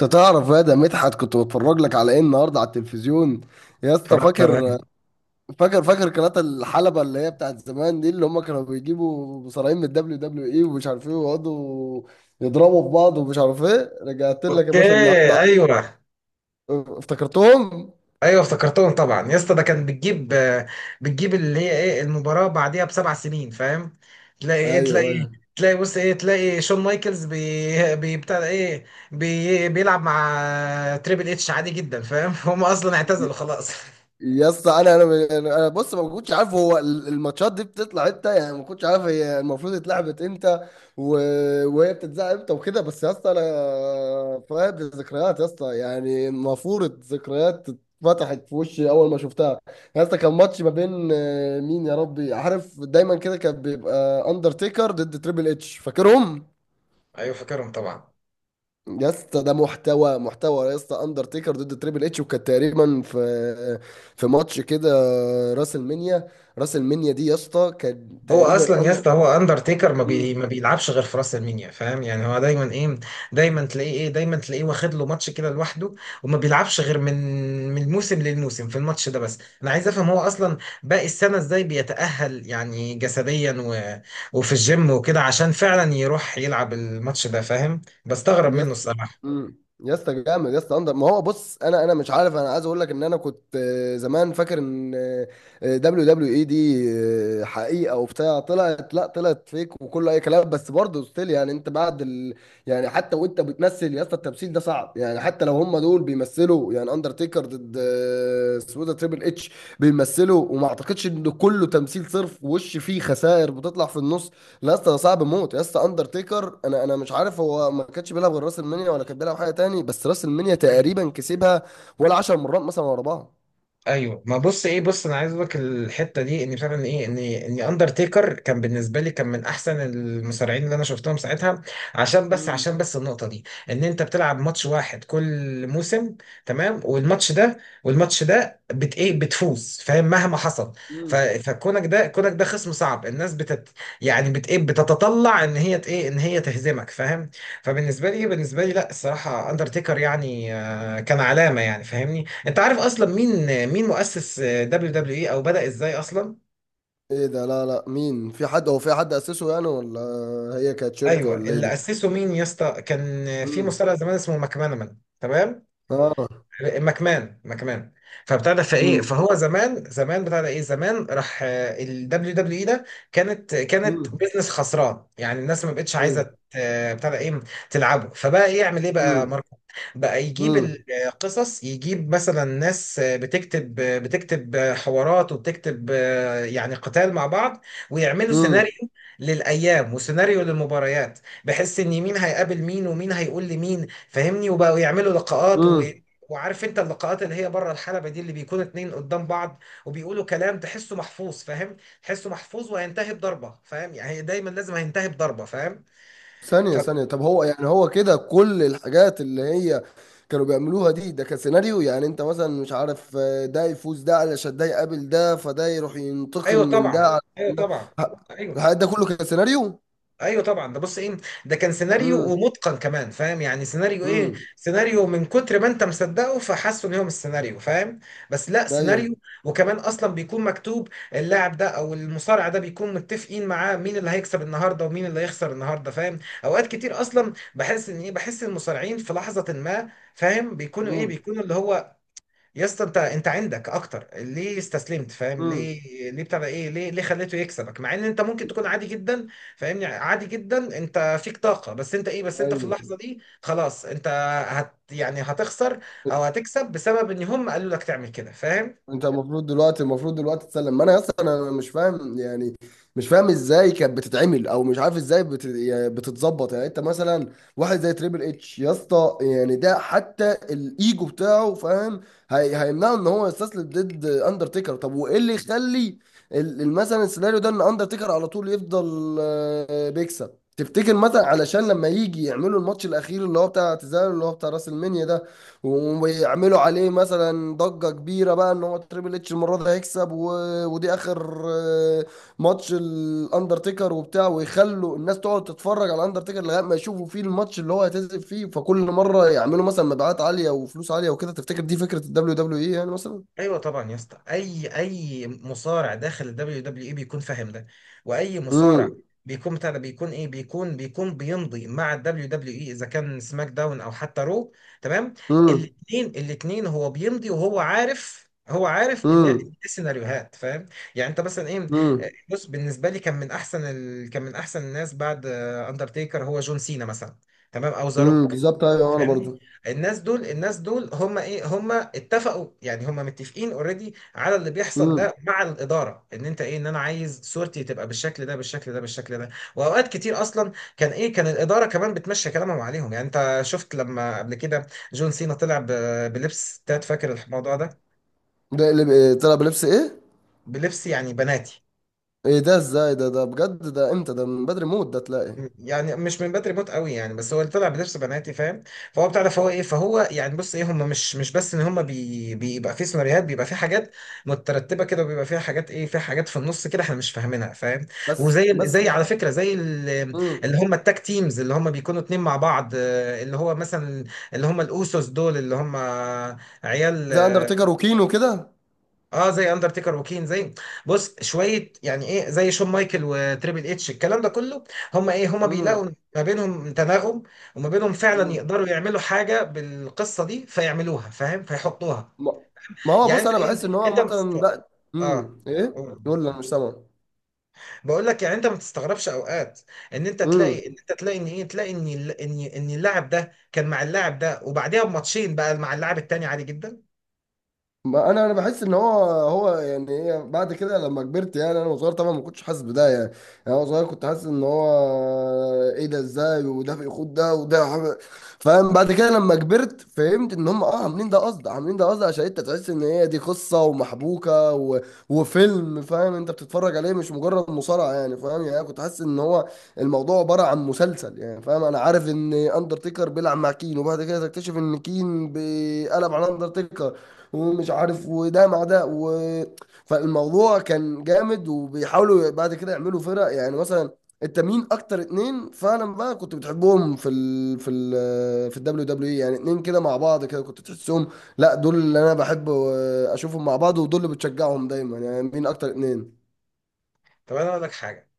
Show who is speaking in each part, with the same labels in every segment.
Speaker 1: انت تعرف يا ده مدحت، كنت بتفرج لك على ايه النهارده على التلفزيون يا اسطى؟
Speaker 2: اتفرجت
Speaker 1: فاكر؟
Speaker 2: عليه.
Speaker 1: فاكر فاكر قناة الحلبة اللي هي بتاعت زمان دي، اللي هم كانوا بيجيبوا مصارعين من الدبليو دبليو اي ومش عارف ايه، ويقعدوا يضربوا في بعض ومش عارف ايه. رجعت لك يا
Speaker 2: اوكي.
Speaker 1: باشا النهارده.
Speaker 2: ايوه،
Speaker 1: افتكرتهم.
Speaker 2: ايوه، افتكرتهم طبعا يا اسطى، ده كان بتجيب اللي هي ايه المباراه بعديها بسبع سنين، فاهم؟ تلاقي
Speaker 1: ايوه
Speaker 2: ايه تلاقي،
Speaker 1: ايوه
Speaker 2: تلاقي بص ايه، تلاقي شون مايكلز بتاع ده ايه، بيلعب مع تريبل اتش عادي جدا، فاهم؟ هم اصلا اعتزلوا خلاص.
Speaker 1: يا اسطى انا بص، ما كنتش عارف هو الماتشات دي بتطلع امتى، يعني ما كنتش عارف هي المفروض اتلعبت امتى و... وهي بتتذاع امتى وكده. بس يا اسطى انا فاقد الذكريات يا اسطى، يعني المفروض ذكريات اتفتحت في وشي اول ما شفتها. يا اسطى كان ماتش ما بين مين يا ربي، عارف دايما كده كان بيبقى اندرتيكر ضد تريبل اتش، فاكرهم؟
Speaker 2: ايوه فاكرهم طبعا.
Speaker 1: يا اسطى ده محتوى محتوى يا اسطى، اندرتيكر ضد تريبل اتش، وكانت تقريبا في في ماتش كده، راس المنيا. راس المنيا دي يا اسطى كان
Speaker 2: هو
Speaker 1: تقريبا
Speaker 2: اصلا يا اسطى، هو اندرتيكر
Speaker 1: أند...
Speaker 2: ما بيلعبش غير في راس المنيا، فاهم؟ يعني هو دايما ايه، دايما تلاقيه ايه، دايما تلاقيه واخد له ماتش كده لوحده، وما بيلعبش غير من موسم للموسم في الماتش ده بس. انا عايز افهم هو اصلا باقي السنه ازاي بيتاهل يعني جسديا، و... وفي الجيم وكده، عشان فعلا يروح يلعب الماتش ده، فاهم؟ بستغرب
Speaker 1: يا
Speaker 2: منه
Speaker 1: اسطى.
Speaker 2: الصراحه.
Speaker 1: يا اسطى جامد يا اسطى اندر، ما هو بص انا مش عارف، انا عايز اقول لك ان انا كنت زمان فاكر ان دبليو دبليو اي دي حقيقه وبتاع، طلعت، لا طلعت فيك وكله اي كلام، بس برضه ستيل يعني انت بعد يعني حتى وانت بتمثل يا اسطى التمثيل ده صعب، يعني حتى لو هم دول بيمثلوا، يعني اندرتيكر ضد اسمه إيه ده، تريبل اتش، بيمثلوا وما اعتقدش ان كله تمثيل صرف، وش فيه خسائر بتطلع في النص. لا يا اسطى صعب موت يا اسطى، اندرتيكر، انا مش عارف، هو ما كانش بيلعب غير راس المنيا، ولا كان بيلعب حاجه تاني؟ بس راس المنيا تقريبا كسبها ولا 10 مرات مثلا ورا بعض.
Speaker 2: ايوه ما بص ايه، بص انا عايز اقول لك الحته دي ان فعلا ايه، ان اندرتيكر كان بالنسبه لي، كان من احسن المصارعين اللي انا شفتهم ساعتها، عشان بس،
Speaker 1: امم.
Speaker 2: عشان بس النقطه دي، ان انت بتلعب ماتش واحد كل موسم، تمام، والماتش ده، والماتش ده بت ايه، بتفوز فاهم مهما حصل. ف
Speaker 1: امم.
Speaker 2: فكونك ده كونك ده خصم صعب، الناس بتت، يعني بت ايه، بتتطلع ان هي ت- ايه ان هي تهزمك فاهم. فبالنسبه لي، بالنسبه لي لا الصراحه، اندرتيكر يعني كان علامه يعني، فاهمني؟ انت عارف اصلا مين، مين مؤسس دبليو دبليو اي، او بدأ ازاي اصلا؟
Speaker 1: ايه ده، لا لا مين، في حد هو في حد اسسه يعني، ولا هي كانت شركه
Speaker 2: ايوه
Speaker 1: ولا ايه
Speaker 2: اللي
Speaker 1: دي؟
Speaker 2: اسسه مين يا اسطى، كان في
Speaker 1: امم.
Speaker 2: مصارع زمان اسمه ماكمان، تمام،
Speaker 1: اه.
Speaker 2: مكمان، مكمان. فبتاع ده فايه،
Speaker 1: امم.
Speaker 2: فهو زمان، زمان بتاع ده ايه، زمان راح ال دبليو دبليو اي ده، كانت، كانت
Speaker 1: امم.
Speaker 2: بيزنس خسران، يعني الناس ما بقتش عايزه
Speaker 1: ايوه.
Speaker 2: ت- بتاع ده ايه، تلعبه. فبقى ايه، يعمل ايه بقى
Speaker 1: امم.
Speaker 2: ماركو، بقى يجيب
Speaker 1: امم.
Speaker 2: القصص، يجيب مثلا ناس بتكتب، بتكتب حوارات وبتكتب يعني قتال مع بعض، ويعملوا سيناريو للايام وسيناريو للمباريات، بحيث ان مين هيقابل مين، ومين هيقول لمين، فاهمني؟ وبقوا يعملوا لقاءات،
Speaker 1: امم.
Speaker 2: وعارف انت اللقاءات اللي هي بره الحلبة دي، اللي بيكون اتنين قدام بعض وبيقولوا كلام تحسه محفوظ، فاهم؟ تحسه محفوظ وهينتهي بضربة، فاهم؟ يعني دايما لازم هينتهي بضربة، فاهم؟ ف...
Speaker 1: ثانية ثانية، طب هو يعني هو كده، كل الحاجات اللي هي كانوا بيعملوها دي ده كان سيناريو؟ يعني انت مثلا مش عارف ده يفوز ده علشان ده يقابل ده، فده يروح ينتقم
Speaker 2: ايوه
Speaker 1: من ده
Speaker 2: طبعا،
Speaker 1: على
Speaker 2: ايوه
Speaker 1: ده،
Speaker 2: طبعا،
Speaker 1: ه-
Speaker 2: ايوه
Speaker 1: الحاجات ده كله كان سيناريو؟
Speaker 2: ايوه طبعا، ده بص ايه، ده كان سيناريو
Speaker 1: امم.
Speaker 2: ومتقن كمان، فاهم؟ يعني سيناريو ايه،
Speaker 1: امم.
Speaker 2: سيناريو من كتر ما انت مصدقه فحاسه ان هو مش سيناريو، فاهم؟ بس لا
Speaker 1: ايوه.
Speaker 2: سيناريو، وكمان اصلا بيكون مكتوب. اللاعب ده او المصارع ده بيكون متفقين معاه مين اللي هيكسب النهارده ومين اللي هيخسر النهارده، فاهم؟ اوقات كتير اصلا بحس ان ايه، بحس المصارعين في لحظة ما، فاهم؟ بيكونوا ايه،
Speaker 1: امم.
Speaker 2: بيكونوا اللي هو، يا اسطى انت، انت عندك اكتر، ليه استسلمت فاهم؟
Speaker 1: امم.
Speaker 2: ليه، ليه بتاع ده ايه، ليه، ليه خليته يكسبك مع ان انت ممكن تكون عادي جدا، فاهمني؟ عادي جدا انت، فيك طاقه، بس انت ايه، بس انت في
Speaker 1: ايوه.
Speaker 2: اللحظه دي خلاص، انت هت، يعني هتخسر او هتكسب بسبب ان هم قالوا لك تعمل كده، فاهم؟
Speaker 1: انت المفروض دلوقتي، المفروض دلوقتي تسلم، ما انا اصلا انا مش فاهم يعني، مش فاهم ازاي كانت بتتعمل، او مش عارف ازاي يعني بتتظبط. يعني انت مثلا واحد زي تريبل اتش يا اسطى، يعني ده حتى الايجو بتاعه فاهم، هيمنعه ان هو يستسلم ضد اندرتيكر. طب وايه اللي يخلي مثلا السيناريو ده ان اندرتيكر على طول يفضل بيكسب؟ تفتكر مثلا علشان لما يجي يعملوا الماتش الاخير اللي هو بتاع اعتزال اللي هو بتاع راس المنيا ده، ويعملوا عليه مثلا ضجة كبيرة بقى ان هو تريبل اتش المرة دي هيكسب، ودي اخر ماتش الاندرتيكر وبتاع، ويخلوا الناس تقعد تتفرج على الاندرتيكر لغاية ما يشوفوا فيه الماتش اللي هو هيتذب فيه، فكل مرة يعملوا مثلا مبيعات عالية وفلوس عالية وكده. تفتكر دي فكرة الدبليو دبليو اي يعني مثلا؟
Speaker 2: ايوه طبعا يا اسطى، اي اي مصارع داخل الدبليو دبليو اي بيكون فاهم ده، واي مصارع
Speaker 1: امم.
Speaker 2: بيكون بتاع ده، بيكون ايه، بيكون، بيكون بيمضي مع الدبليو دبليو اي، اذا كان سماك داون او حتى رو، تمام،
Speaker 1: امم.
Speaker 2: الاثنين، الاثنين هو بيمضي وهو عارف، هو عارف ان إيه
Speaker 1: امم.
Speaker 2: السيناريوهات، فاهم؟ يعني انت مثلا ايه،
Speaker 1: امم.
Speaker 2: بص بالنسبه لي كان من احسن ال، كان من احسن الناس بعد اندرتيكر هو جون سينا مثلا، تمام، او ذا
Speaker 1: امم.
Speaker 2: روك.
Speaker 1: بالظبط، ايوه، انا
Speaker 2: فاهمني؟
Speaker 1: برضو.
Speaker 2: الناس دول، الناس دول هم ايه، هم اتفقوا يعني، هم متفقين اوريدي على اللي بيحصل
Speaker 1: امم.
Speaker 2: ده مع الاداره، ان انت ايه، ان انا عايز صورتي تبقى بالشكل ده، بالشكل ده، بالشكل ده. واوقات كتير اصلا كان ايه، كان الاداره كمان بتمشي كلامهم عليهم، يعني انت شفت لما قبل كده جون سينا طلع بلبس تات، فاكر الموضوع ده؟
Speaker 1: ده اللي طلع بلبس ايه؟
Speaker 2: بلبس يعني بناتي،
Speaker 1: ايه ده ازاي، ده بجد؟ ده امتى ده؟ من بدري موت؟ ده تلاقي.
Speaker 2: يعني مش من بدري موت قوي يعني، بس هو اللي طلع بنفس بناتي، فاهم؟ فهو بتاع ده، فهو ايه، فهو يعني بص ايه، هم مش، مش بس ان هم بي، بيبقى في سيناريوهات، بيبقى في حاجات مترتبه كده، وبيبقى فيها حاجات ايه، في حاجات في النص كده احنا مش فاهمينها، فاهم؟
Speaker 1: بس
Speaker 2: وزي ال،
Speaker 1: بس
Speaker 2: زي
Speaker 1: مش.
Speaker 2: على فكره زي ال،
Speaker 1: امم.
Speaker 2: اللي هم التاك تيمز اللي هم بيكونوا اتنين مع بعض اللي هو مثلا، اللي هم الاوسوس دول اللي هم عيال،
Speaker 1: زي اندرتيكر وكين وكده.
Speaker 2: اه زي اندرتيكر وكين، زي، بص شويه يعني ايه، زي شون مايكل وتريبل اتش الكلام ده كله، هم ايه، هم بيلاقوا
Speaker 1: امم.
Speaker 2: ما بينهم تناغم، وما بينهم فعلا
Speaker 1: امم.
Speaker 2: يقدروا يعملوا حاجه بالقصه دي، فيعملوها فاهم، فيحطوها.
Speaker 1: ما ما هو
Speaker 2: يعني
Speaker 1: بص
Speaker 2: انت
Speaker 1: انا بحس
Speaker 2: ايه،
Speaker 1: ان هو
Speaker 2: انت ما
Speaker 1: عامه
Speaker 2: بتست،
Speaker 1: لا.
Speaker 2: اه،
Speaker 1: ايه؟
Speaker 2: قول.
Speaker 1: يقول لي انا مش سامع.
Speaker 2: بقول لك يعني انت ما تستغربش اوقات ان انت تلاقي، ان انت تلاقي ان ايه، تلاقي ان ال، ان اللاعب ده كان مع اللاعب ده وبعديها بماتشين بقى مع اللاعب التاني عادي جدا.
Speaker 1: ما انا بحس ان هو هو يعني ايه، بعد كده لما كبرت، يعني انا وصغير طبعا ما كنتش حاسس بده يعني. يعني انا صغير كنت حاسس ان هو ايه ده ازاي، وده بيخوض ده فاهم. بعد كده لما كبرت فهمت ان هم اه عاملين ده قصد، عاملين ده قصد عشان انت تحس ان هي دي قصه ومحبوكه وفيلم، فاهم؟ انت بتتفرج عليه، مش مجرد مصارعه، يعني فاهم يعني. أنا كنت حاسس ان هو الموضوع عباره عن مسلسل يعني، فاهم؟ انا عارف ان اندرتيكر بيلعب مع كين، وبعد كده تكتشف ان كين بيقلب على اندرتيكر ومش عارف، وده مع ده فالموضوع كان جامد. وبيحاولوا بعد كده يعملوا فرق يعني، مثلا. انت مين اكتر اتنين فعلا بقى كنت بتحبهم في ال في ال في الدبليو دبليو اي، يعني اتنين كده مع بعض كده كنت تحسهم لا دول اللي انا بحب اشوفهم مع بعض، ودول اللي بتشجعهم دايما. يعني مين اكتر اتنين؟
Speaker 2: طب انا اقول لك حاجه،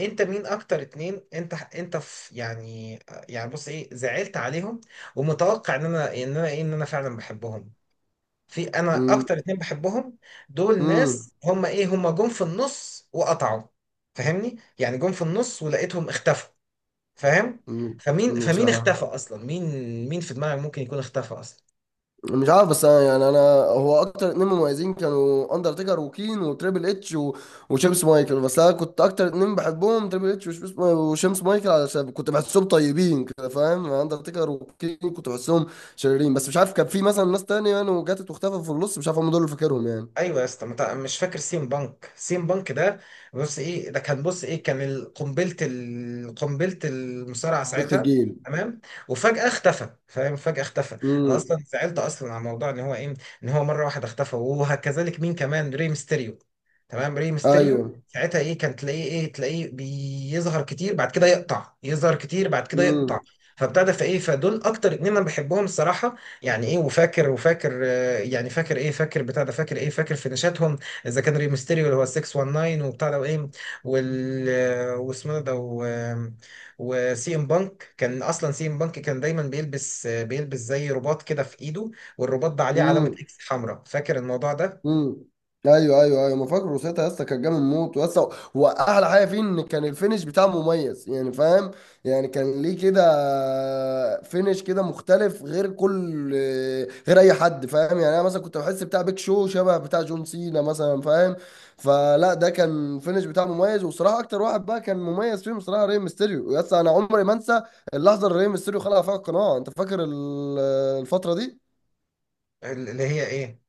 Speaker 2: انت مين اكتر اتنين؟ انت، انت في يعني، يعني بص ايه، زعلت عليهم ومتوقع ان انا، ان انا ايه، ان انا فعلا بحبهم. في انا
Speaker 1: امم.
Speaker 2: اكتر اتنين بحبهم، دول
Speaker 1: امم.
Speaker 2: ناس هم ايه، هم جم في النص وقطعوا، فاهمني؟ يعني جم في النص ولقيتهم اختفوا، فاهم؟ فمين
Speaker 1: مش
Speaker 2: فمين
Speaker 1: عارف.
Speaker 2: اختفى اصلا، مين، مين في دماغك ممكن يكون اختفى اصلا؟
Speaker 1: مش عارف، بس انا يعني انا هو اكتر اتنين مميزين كانوا اندرتيكر وكين وتريبل اتش وشيمس مايكل. بس انا كنت اكتر اتنين بحبهم تريبل اتش وشيمس، وشيمس مايكل علشان كنت بحسهم طيبين كده فاهم. اندرتيكر وكين كنت بحسهم شريرين. بس مش عارف كان في مثلا ناس تانية يعني وجاتت واختفت في النص، مش عارف، هم دول اللي فاكرهم يعني.
Speaker 2: ايوه يا اسطى مت، مش فاكر سيم بانك؟ سيم بانك ده بص ايه، ده كان بص ايه، كان ال، قنبله ال، قنبله المصارعه
Speaker 1: قلت
Speaker 2: ساعتها
Speaker 1: الجيل.
Speaker 2: تمام، وفجاه اختفى، فاهم؟ فجاه اختفى. انا
Speaker 1: امم.
Speaker 2: اصلا زعلت اصلا على موضوع ان هو ايه، ان هو مره واحده اختفى. وهكذلك مين كمان؟ ري ميستيريو، تمام، ري ميستيريو
Speaker 1: ايوه.
Speaker 2: ساعتها ايه، كان تلاقيه ايه، تلاقيه بيظهر كتير بعد كده يقطع، يظهر كتير بعد كده يقطع. فابتدى فايه، فدول اكتر اتنين انا بحبهم الصراحه، يعني ايه، وفاكر، وفاكر يعني، فاكر ايه، فاكر بتاع ده، فاكر ايه، فاكر فينيشاتهم، اذا كان ريمستيريو اللي هو 619 وبتاع ده وايه وال، واسمه ده و، وسي ام بانك كان اصلا، سي ام بانك كان دايما بيلبس، بيلبس زي رباط كده في ايده، والرباط ده عليه علامة
Speaker 1: امم.
Speaker 2: اكس حمراء، فاكر الموضوع ده؟
Speaker 1: امم. ايوه ايوه ايوه، ما فاكر روسيتا يا اسطى، كان جامد موت يا اسطى. واحلى حاجه فيه ان كان الفينش بتاعه مميز يعني فاهم، يعني كان ليه كده فينش كده مختلف غير كل غير اي حد فاهم. يعني انا مثلا كنت بحس بتاع بيك شو شبه بتاع جون سينا مثلا فاهم. فلا، ده كان فينش بتاعه مميز، وصراحه اكتر واحد بقى كان مميز فيهم صراحه ري ميستيريو. يا اسطى انا عمري ما انسى اللحظه اللي ري ميستيريو خلع فيها القناع. انت فاكر الفتره دي؟
Speaker 2: اللي هي ايه؟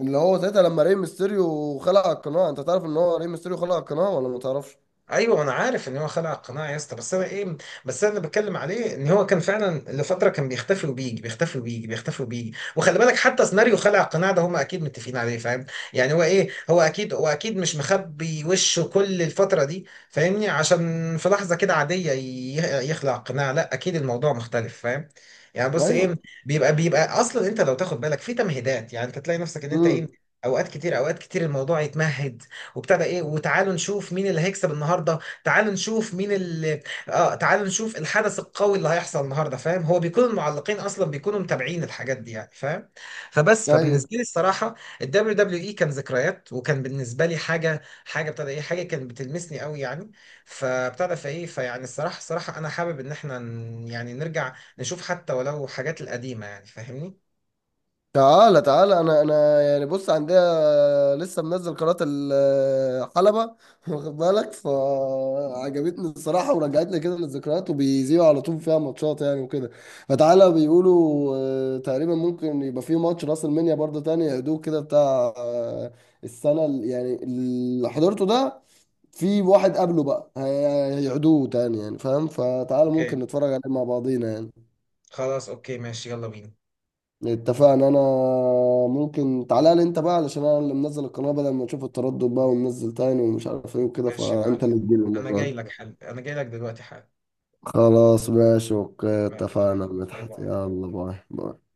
Speaker 1: اللي هو ساعتها لما ري ميستيريو خلع القناع، انت تعرف ان هو ري ميستيريو خلع القناع ولا ما تعرفش؟
Speaker 2: ايوه انا عارف ان هو خلع القناع يا اسطى، بس انا ايه، بس انا اللي بتكلم عليه ان هو كان فعلا لفتره كان بيختفي وبيجي، بيختفي وبيجي، بيختفي وبيجي، وخلي بالك حتى سيناريو خلع القناع ده هم اكيد متفقين عليه، فاهم؟ يعني هو ايه، هو اكيد، هو اكيد مش مخبي وشه كل الفتره دي، فاهمني؟ عشان في لحظه كده عاديه يخلع القناع؟ لا اكيد الموضوع مختلف، فاهم؟ يعني بص ايه،
Speaker 1: ايوه.
Speaker 2: بيبقى، بيبقى اصلا انت لو تاخد بالك في تمهيدات، يعني انت تلاقي نفسك ان انت ايه،
Speaker 1: امم.
Speaker 2: اوقات كتير، اوقات كتير الموضوع يتمهد، وبتاع ده ايه، وتعالوا نشوف مين اللي هيكسب النهارده، تعالوا نشوف مين اللي، اه تعالوا نشوف الحدث القوي اللي هيحصل النهارده، فاهم؟ هو بيكون المعلقين اصلا بيكونوا متابعين الحاجات دي يعني، فاهم؟ فبس،
Speaker 1: ايوه.
Speaker 2: فبالنسبه لي الصراحه الدبليو دبليو اي كان ذكريات، وكان بالنسبه لي حاجه، حاجه ابتدى ايه، حاجه كانت بتلمسني قوي يعني، فابتدى فايه فيعني الصراحه، الصراحه انا حابب ان احنا ن، يعني نرجع نشوف حتى ولو حاجات القديمه يعني، فاهمني؟
Speaker 1: تعالى تعالى انا يعني بص، عندها لسه منزل قناة الحلبة واخد بالك، فعجبتني الصراحة ورجعت لي كده للذكريات، وبيذيعوا على طول فيها ماتشات يعني وكده. فتعالى بيقولوا تقريبا ممكن يبقى في ماتش راس المنيا برضه تاني، يعيدوه كده بتاع السنة يعني اللي حضرته ده، في واحد قبله بقى هيعيدوه تاني يعني فاهم. فتعالى
Speaker 2: اوكي،
Speaker 1: ممكن نتفرج عليه مع بعضينا يعني.
Speaker 2: خلاص اوكي ماشي، يلا بينا.
Speaker 1: اتفقنا. انا ممكن تعالى لي انت بقى، علشان انا اللي منزل القناة، بدل ما نشوف التردد بقى وننزل تاني ومش عارف ايه وكده،
Speaker 2: ماشي يا
Speaker 1: فانت
Speaker 2: معلم،
Speaker 1: اللي تجيلي
Speaker 2: انا
Speaker 1: المرة
Speaker 2: جاي
Speaker 1: دي.
Speaker 2: لك حل، انا جاي لك دلوقتي حل.
Speaker 1: خلاص ماشي، اوكي،
Speaker 2: ماشي
Speaker 1: اتفقنا يا
Speaker 2: يلا، باي
Speaker 1: مدحت،
Speaker 2: باي.
Speaker 1: يلا باي باي.